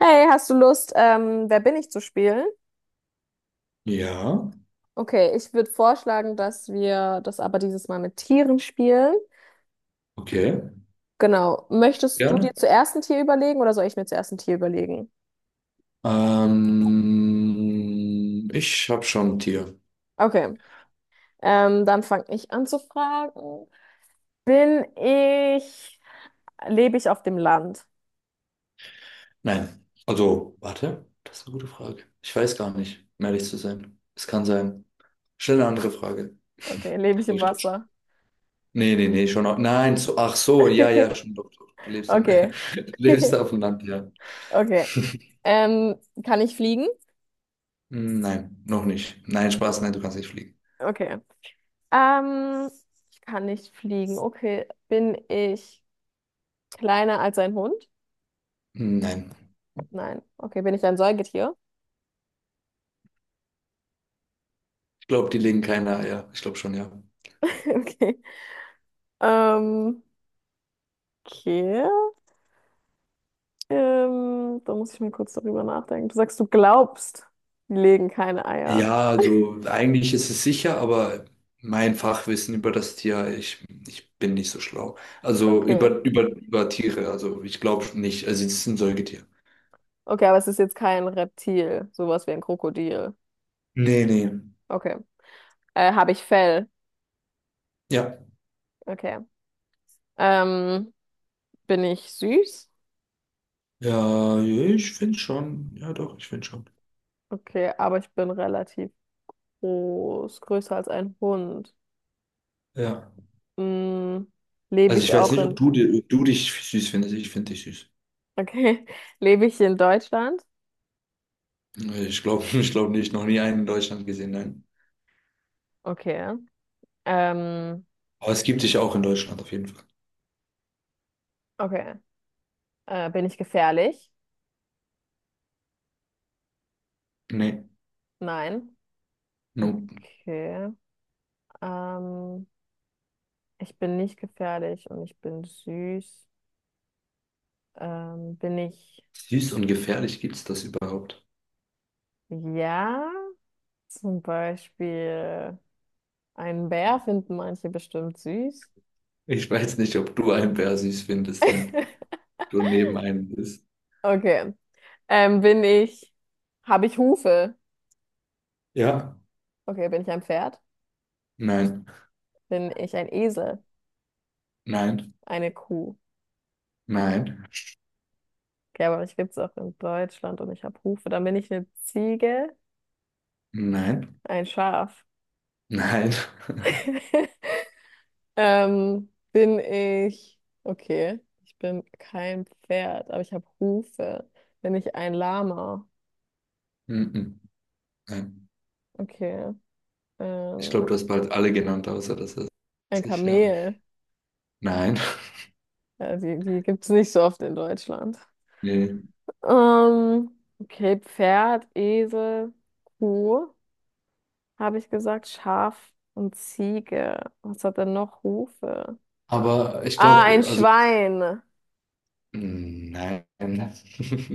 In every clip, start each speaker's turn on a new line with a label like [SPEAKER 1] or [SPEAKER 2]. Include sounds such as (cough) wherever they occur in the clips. [SPEAKER 1] Hey, hast du Lust, Wer bin ich zu spielen?
[SPEAKER 2] Ja,
[SPEAKER 1] Okay, ich würde vorschlagen, dass wir das aber dieses Mal mit Tieren spielen.
[SPEAKER 2] okay,
[SPEAKER 1] Genau. Möchtest du dir
[SPEAKER 2] gerne.
[SPEAKER 1] zuerst ein Tier überlegen oder soll ich mir zuerst ein Tier überlegen?
[SPEAKER 2] Ich habe schon ein Tier.
[SPEAKER 1] Okay, dann fange ich an zu fragen. Bin ich, lebe ich auf dem Land?
[SPEAKER 2] Nein, also, warte, das ist eine gute Frage. Ich weiß gar nicht, um ehrlich zu sein. Es kann sein. Schnell eine andere Frage.
[SPEAKER 1] Okay,
[SPEAKER 2] (laughs)
[SPEAKER 1] lebe ich
[SPEAKER 2] Aber
[SPEAKER 1] im
[SPEAKER 2] ich glaube schon.
[SPEAKER 1] Wasser?
[SPEAKER 2] Nee, nee, nee, schon. Nein, so, ach so, ja, ja,
[SPEAKER 1] (laughs)
[SPEAKER 2] schon doch. Doch. (laughs)
[SPEAKER 1] Okay.
[SPEAKER 2] Du lebst
[SPEAKER 1] (laughs)
[SPEAKER 2] auf dem Land, ja.
[SPEAKER 1] Okay.
[SPEAKER 2] (laughs)
[SPEAKER 1] Ähm, kann ich fliegen?
[SPEAKER 2] Hm, nein, noch nicht. Nein, Spaß, nein, du kannst nicht fliegen.
[SPEAKER 1] Okay. Ähm, ich kann nicht fliegen. Okay, bin ich. Kleiner als ein Hund?
[SPEAKER 2] Hm, nein.
[SPEAKER 1] Nein. Okay, bin ich ein Säugetier?
[SPEAKER 2] Ich glaube, die legen keine Eier. Ich glaube schon, ja.
[SPEAKER 1] (laughs) Okay. Ähm, okay. Da muss ich mal kurz darüber nachdenken. Du sagst, du glaubst, die legen keine Eier.
[SPEAKER 2] Ja, also eigentlich ist es sicher, aber mein Fachwissen über das Tier, ich bin nicht so schlau. Also
[SPEAKER 1] Okay.
[SPEAKER 2] über Tiere, also ich glaube nicht. Also es ist ein Säugetier.
[SPEAKER 1] Okay, aber es ist jetzt kein Reptil, sowas wie ein Krokodil.
[SPEAKER 2] Nee, nee.
[SPEAKER 1] Okay. Habe ich Fell?
[SPEAKER 2] Ja.
[SPEAKER 1] Okay. Ähm, bin ich süß?
[SPEAKER 2] Ja, ich finde schon. Ja, doch, ich finde schon.
[SPEAKER 1] Okay, aber ich bin relativ groß, größer als ein Hund.
[SPEAKER 2] Ja.
[SPEAKER 1] Mm, lebe
[SPEAKER 2] Also ich
[SPEAKER 1] ich
[SPEAKER 2] weiß
[SPEAKER 1] auch
[SPEAKER 2] nicht,
[SPEAKER 1] in,
[SPEAKER 2] ob du dich süß findest. Ich finde dich süß.
[SPEAKER 1] okay, (laughs) lebe ich in Deutschland?
[SPEAKER 2] (laughs) Ich glaube nicht. Noch nie einen in Deutschland gesehen, nein.
[SPEAKER 1] Okay. Ähm,
[SPEAKER 2] Aber es gibt dich auch in Deutschland auf jeden Fall.
[SPEAKER 1] okay. Bin ich gefährlich?
[SPEAKER 2] Nee.
[SPEAKER 1] Nein.
[SPEAKER 2] Nur
[SPEAKER 1] Okay. Ähm, ich bin nicht gefährlich und ich bin süß. Bin ich,
[SPEAKER 2] süß und gefährlich, gibt es das überhaupt?
[SPEAKER 1] ja, zum Beispiel einen Bär finden manche bestimmt süß.
[SPEAKER 2] Ich weiß nicht, ob du einen Bär süß findest,
[SPEAKER 1] (laughs)
[SPEAKER 2] wenn du neben einem bist.
[SPEAKER 1] Okay. Bin ich, habe ich Hufe?
[SPEAKER 2] Ja,
[SPEAKER 1] Okay, bin ich ein Pferd?
[SPEAKER 2] nein,
[SPEAKER 1] Bin ich ein Esel?
[SPEAKER 2] nein,
[SPEAKER 1] Eine Kuh?
[SPEAKER 2] nein,
[SPEAKER 1] Okay, aber mich gibt es auch in Deutschland und ich habe Hufe. Dann bin ich eine Ziege,
[SPEAKER 2] nein,
[SPEAKER 1] ein Schaf.
[SPEAKER 2] nein,
[SPEAKER 1] (laughs) Bin ich, okay, ich bin kein Pferd, aber ich habe Hufe. Bin ich ein Lama?
[SPEAKER 2] mhm, nein.
[SPEAKER 1] Okay.
[SPEAKER 2] Ich glaube,
[SPEAKER 1] Ähm,
[SPEAKER 2] du hast bald alle genannt, außer das ist
[SPEAKER 1] ein
[SPEAKER 2] sich, ja.
[SPEAKER 1] Kamel.
[SPEAKER 2] Nein,
[SPEAKER 1] Ja, die gibt es nicht so oft in Deutschland.
[SPEAKER 2] nee.
[SPEAKER 1] Ähm, okay, Pferd, Esel, Kuh, habe ich gesagt, Schaf und Ziege. Was hat denn noch Hufe?
[SPEAKER 2] Aber ich
[SPEAKER 1] Ah, ein
[SPEAKER 2] glaube, also
[SPEAKER 1] Schwein.
[SPEAKER 2] Nein.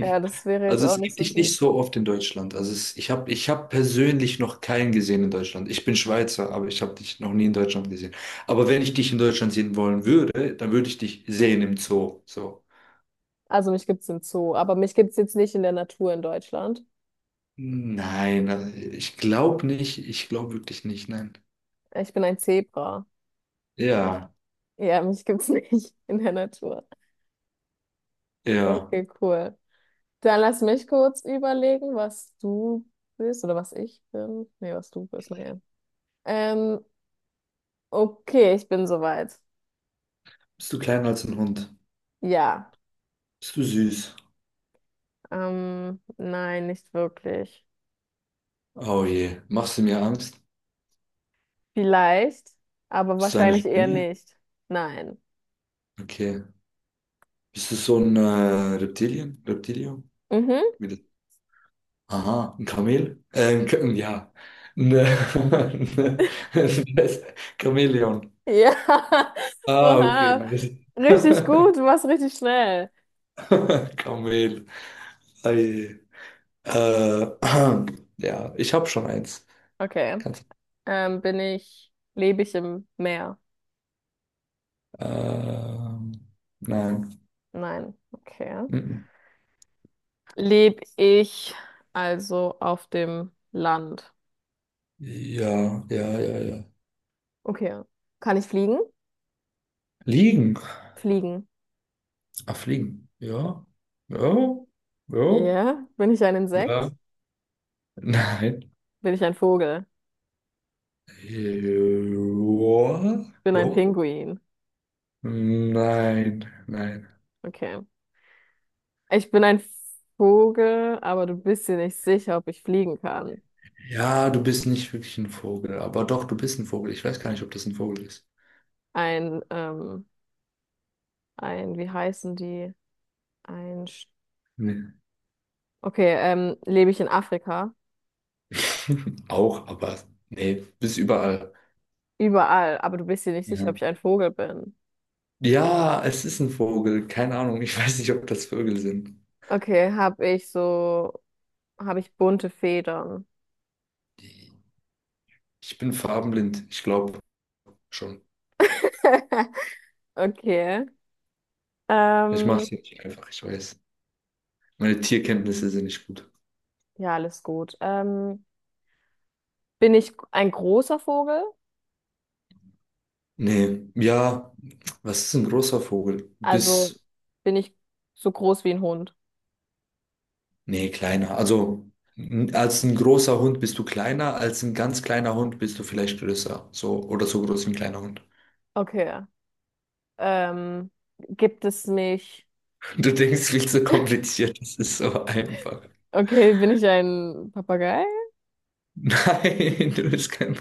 [SPEAKER 1] Ja, das wäre jetzt
[SPEAKER 2] Also
[SPEAKER 1] auch
[SPEAKER 2] es
[SPEAKER 1] nicht
[SPEAKER 2] gibt
[SPEAKER 1] so
[SPEAKER 2] dich nicht
[SPEAKER 1] süß.
[SPEAKER 2] so oft in Deutschland. Also es, ich hab persönlich noch keinen gesehen in Deutschland. Ich bin Schweizer, aber ich habe dich noch nie in Deutschland gesehen. Aber wenn ich dich in Deutschland sehen wollen würde, dann würde ich dich sehen im Zoo. So.
[SPEAKER 1] Also mich gibt's im Zoo, aber mich gibt's jetzt nicht in der Natur in Deutschland.
[SPEAKER 2] Nein, also ich glaube nicht. Ich glaube wirklich nicht. Nein.
[SPEAKER 1] Ich bin ein Zebra.
[SPEAKER 2] Ja,
[SPEAKER 1] Ja, mich gibt's (laughs) nicht in der Natur.
[SPEAKER 2] ja.
[SPEAKER 1] Okay, cool. Dann lass mich kurz überlegen, was du bist oder was ich bin. Nee, was du bist, naja. Ähm, okay, ich bin soweit.
[SPEAKER 2] Bist du kleiner als ein Hund?
[SPEAKER 1] Ja.
[SPEAKER 2] Bist du süß?
[SPEAKER 1] Nein, nicht wirklich.
[SPEAKER 2] Oh je. Machst du mir Angst?
[SPEAKER 1] Vielleicht, aber
[SPEAKER 2] Bist du eine
[SPEAKER 1] wahrscheinlich eher
[SPEAKER 2] Spinne?
[SPEAKER 1] nicht. Nein.
[SPEAKER 2] Okay. Bist du so ein Reptilien? Reptilio?
[SPEAKER 1] Mhm.
[SPEAKER 2] Aha, ein Kamel? Ja, ne (laughs) Chamäleon.
[SPEAKER 1] Ja. (laughs)
[SPEAKER 2] Ah, okay,
[SPEAKER 1] Oha.
[SPEAKER 2] nice.
[SPEAKER 1] Richtig
[SPEAKER 2] (laughs)
[SPEAKER 1] gut, du warst richtig schnell.
[SPEAKER 2] Kamel. Ei. Äh, (clears throat) ja, ich habe schon eins.
[SPEAKER 1] Okay.
[SPEAKER 2] Kannst,
[SPEAKER 1] Bin ich, lebe ich im Meer?
[SPEAKER 2] ähm, nein.
[SPEAKER 1] Nein. Okay.
[SPEAKER 2] Mhm.
[SPEAKER 1] Lebe ich also auf dem Land?
[SPEAKER 2] Ja, ja, ja, ja.
[SPEAKER 1] Okay. Kann ich fliegen?
[SPEAKER 2] Liegen.
[SPEAKER 1] Fliegen.
[SPEAKER 2] Ah, fliegen. Ja. Ja. Ja.
[SPEAKER 1] Ja. Bin ich ein
[SPEAKER 2] Ja.
[SPEAKER 1] Insekt?
[SPEAKER 2] Nein.
[SPEAKER 1] Bin ich ein Vogel?
[SPEAKER 2] Ja.
[SPEAKER 1] Bin ein
[SPEAKER 2] Ja.
[SPEAKER 1] Pinguin.
[SPEAKER 2] Nein, nein.
[SPEAKER 1] Okay. Ich bin ein Vogel, aber du bist dir nicht sicher, ob ich fliegen kann.
[SPEAKER 2] Ja, du bist nicht wirklich ein Vogel, aber doch, du bist ein Vogel. Ich weiß gar nicht, ob das ein Vogel ist.
[SPEAKER 1] Ein, ähm, ein, wie heißen die? Ein, Sch-
[SPEAKER 2] Nee.
[SPEAKER 1] okay, lebe ich in Afrika?
[SPEAKER 2] (laughs) Auch, aber nee, bist überall.
[SPEAKER 1] Überall, aber du bist dir nicht sicher, ob
[SPEAKER 2] Ja.
[SPEAKER 1] ich ein Vogel bin.
[SPEAKER 2] Ja, es ist ein Vogel. Keine Ahnung. Ich (laughs) weiß nicht, ob das Vögel sind.
[SPEAKER 1] Okay, habe ich so, habe ich bunte Federn.
[SPEAKER 2] Ich bin farbenblind. Ich glaube schon.
[SPEAKER 1] (laughs) Okay.
[SPEAKER 2] Ich mache
[SPEAKER 1] Ähm,
[SPEAKER 2] es nicht einfach. Ich weiß. Meine Tierkenntnisse sind nicht gut.
[SPEAKER 1] ja, alles gut. Bin ich ein großer Vogel?
[SPEAKER 2] Nee, ja, was ist ein großer Vogel?
[SPEAKER 1] Also
[SPEAKER 2] Bis
[SPEAKER 1] bin ich so groß wie ein Hund?
[SPEAKER 2] Nee, kleiner. Also als ein großer Hund bist du kleiner, als ein ganz kleiner Hund bist du vielleicht größer. So oder so groß wie ein kleiner Hund. (laughs)
[SPEAKER 1] Okay. Ähm, gibt es mich?
[SPEAKER 2] Du denkst viel zu kompliziert, das ist so einfach.
[SPEAKER 1] Okay, bin ich ein Papagei?
[SPEAKER 2] (laughs) Nein, du bist kein.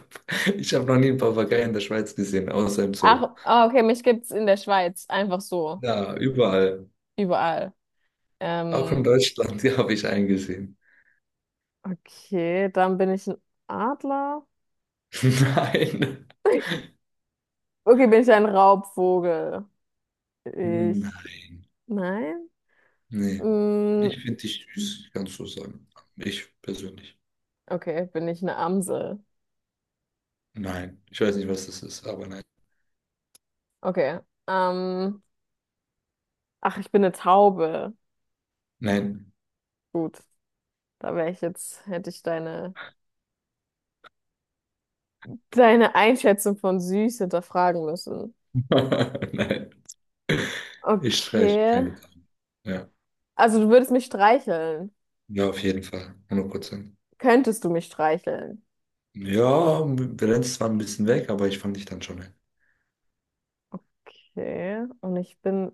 [SPEAKER 2] Ich habe noch nie einen Papagei in der Schweiz gesehen, außer im Zoo.
[SPEAKER 1] Ach, ah, okay, mich gibt's in der Schweiz einfach so,
[SPEAKER 2] Ja, überall.
[SPEAKER 1] überall.
[SPEAKER 2] Auch in
[SPEAKER 1] Ähm,
[SPEAKER 2] Deutschland, (laughs) die habe ich eingesehen.
[SPEAKER 1] okay, dann bin ich ein Adler.
[SPEAKER 2] (laughs) Nein.
[SPEAKER 1] (laughs) Okay, bin ich ein Raubvogel? Ich.
[SPEAKER 2] Nein.
[SPEAKER 1] Nein?
[SPEAKER 2] Nee.
[SPEAKER 1] Mm,
[SPEAKER 2] Ich finde dich süß, kannst du sagen. Ich persönlich.
[SPEAKER 1] okay, bin ich eine Amsel?
[SPEAKER 2] Nein. Ich weiß nicht, was das ist, aber nein.
[SPEAKER 1] Okay. Ähm, ach, ich bin eine Taube.
[SPEAKER 2] Nein.
[SPEAKER 1] Gut, da wäre ich jetzt, hätte ich deine, deine Einschätzung von süß hinterfragen müssen.
[SPEAKER 2] (laughs) Nein, ich streiche
[SPEAKER 1] Okay.
[SPEAKER 2] keine Dame. Ja,
[SPEAKER 1] Also du würdest mich streicheln.
[SPEAKER 2] ja, auf jeden Fall. 100%.
[SPEAKER 1] Könntest du mich streicheln?
[SPEAKER 2] Ja, wir rennen zwar ein bisschen weg, aber ich fand dich dann schon. Ein.
[SPEAKER 1] Okay. Und ich bin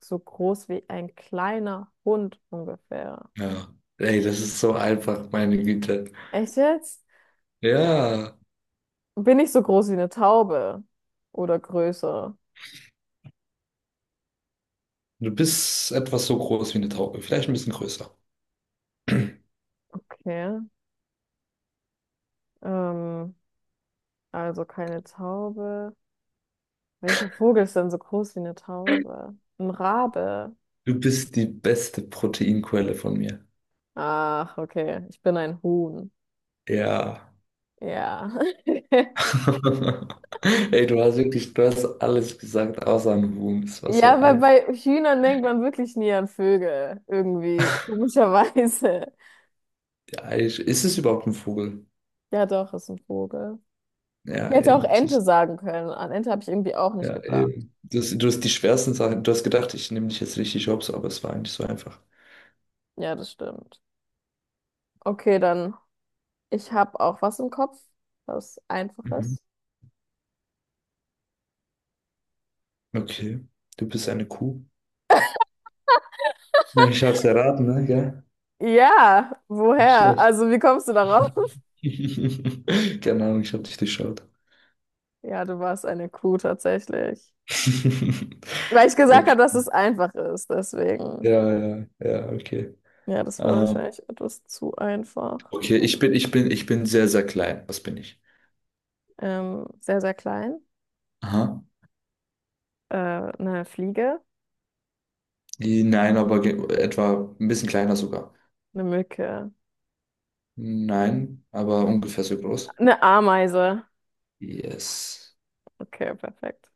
[SPEAKER 1] so groß wie ein kleiner Hund ungefähr.
[SPEAKER 2] Ja. Ey, das ist so einfach, meine Güte.
[SPEAKER 1] Echt jetzt? Ja.
[SPEAKER 2] Ja,
[SPEAKER 1] Bin ich so groß wie eine Taube? Oder größer?
[SPEAKER 2] du bist etwas so groß wie eine Taube, vielleicht ein bisschen größer.
[SPEAKER 1] Okay. Ähm. Also keine Taube. Welcher Vogel ist denn so groß wie eine Taube? Ein Rabe.
[SPEAKER 2] Du bist die beste Proteinquelle von mir.
[SPEAKER 1] Ach, okay. Ich bin ein Huhn.
[SPEAKER 2] Ja.
[SPEAKER 1] Ja. (laughs)
[SPEAKER 2] (laughs) Ey, du hast alles gesagt, außer ein Huhn. Es war so
[SPEAKER 1] Ja, weil
[SPEAKER 2] einfach.
[SPEAKER 1] bei Hühnern denkt man wirklich nie an Vögel. Irgendwie. Komischerweise. (laughs)
[SPEAKER 2] Ja, ist es überhaupt ein Vogel?
[SPEAKER 1] Ja, doch, ist ein Vogel.
[SPEAKER 2] Ja,
[SPEAKER 1] Ich hätte auch
[SPEAKER 2] eben.
[SPEAKER 1] Ente sagen können. An Ente habe ich irgendwie auch nicht
[SPEAKER 2] Ja,
[SPEAKER 1] gedacht.
[SPEAKER 2] eben. Du hast die schwersten Sachen. Du hast gedacht, ich nehme dich jetzt richtig hops, aber es war eigentlich so einfach.
[SPEAKER 1] Ja, das stimmt. Okay, dann. Ich habe auch was im Kopf. Was
[SPEAKER 2] Mhm.
[SPEAKER 1] Einfaches.
[SPEAKER 2] Okay. Du bist eine Kuh. Ja, ich hab's erraten, ne? Ja.
[SPEAKER 1] Ja,
[SPEAKER 2] Nicht
[SPEAKER 1] woher?
[SPEAKER 2] schlecht.
[SPEAKER 1] Also, wie kommst du darauf?
[SPEAKER 2] (laughs) Keine Ahnung, ich habe dich durchschaut.
[SPEAKER 1] Ja, du warst eine Kuh tatsächlich.
[SPEAKER 2] (laughs)
[SPEAKER 1] Weil ich gesagt
[SPEAKER 2] Okay.
[SPEAKER 1] habe, dass es einfach ist, deswegen.
[SPEAKER 2] Ja, ja, ja, okay.
[SPEAKER 1] Ja, das war
[SPEAKER 2] Ähm,
[SPEAKER 1] wahrscheinlich etwas zu einfach.
[SPEAKER 2] okay, ich bin sehr, sehr klein. Was bin ich?
[SPEAKER 1] Sehr, sehr klein.
[SPEAKER 2] Aha.
[SPEAKER 1] Eine Fliege,
[SPEAKER 2] Nein, aber etwa ein bisschen kleiner sogar.
[SPEAKER 1] eine Mücke,
[SPEAKER 2] Nein, aber ungefähr so groß.
[SPEAKER 1] eine Ameise.
[SPEAKER 2] Yes.
[SPEAKER 1] Okay, perfekt.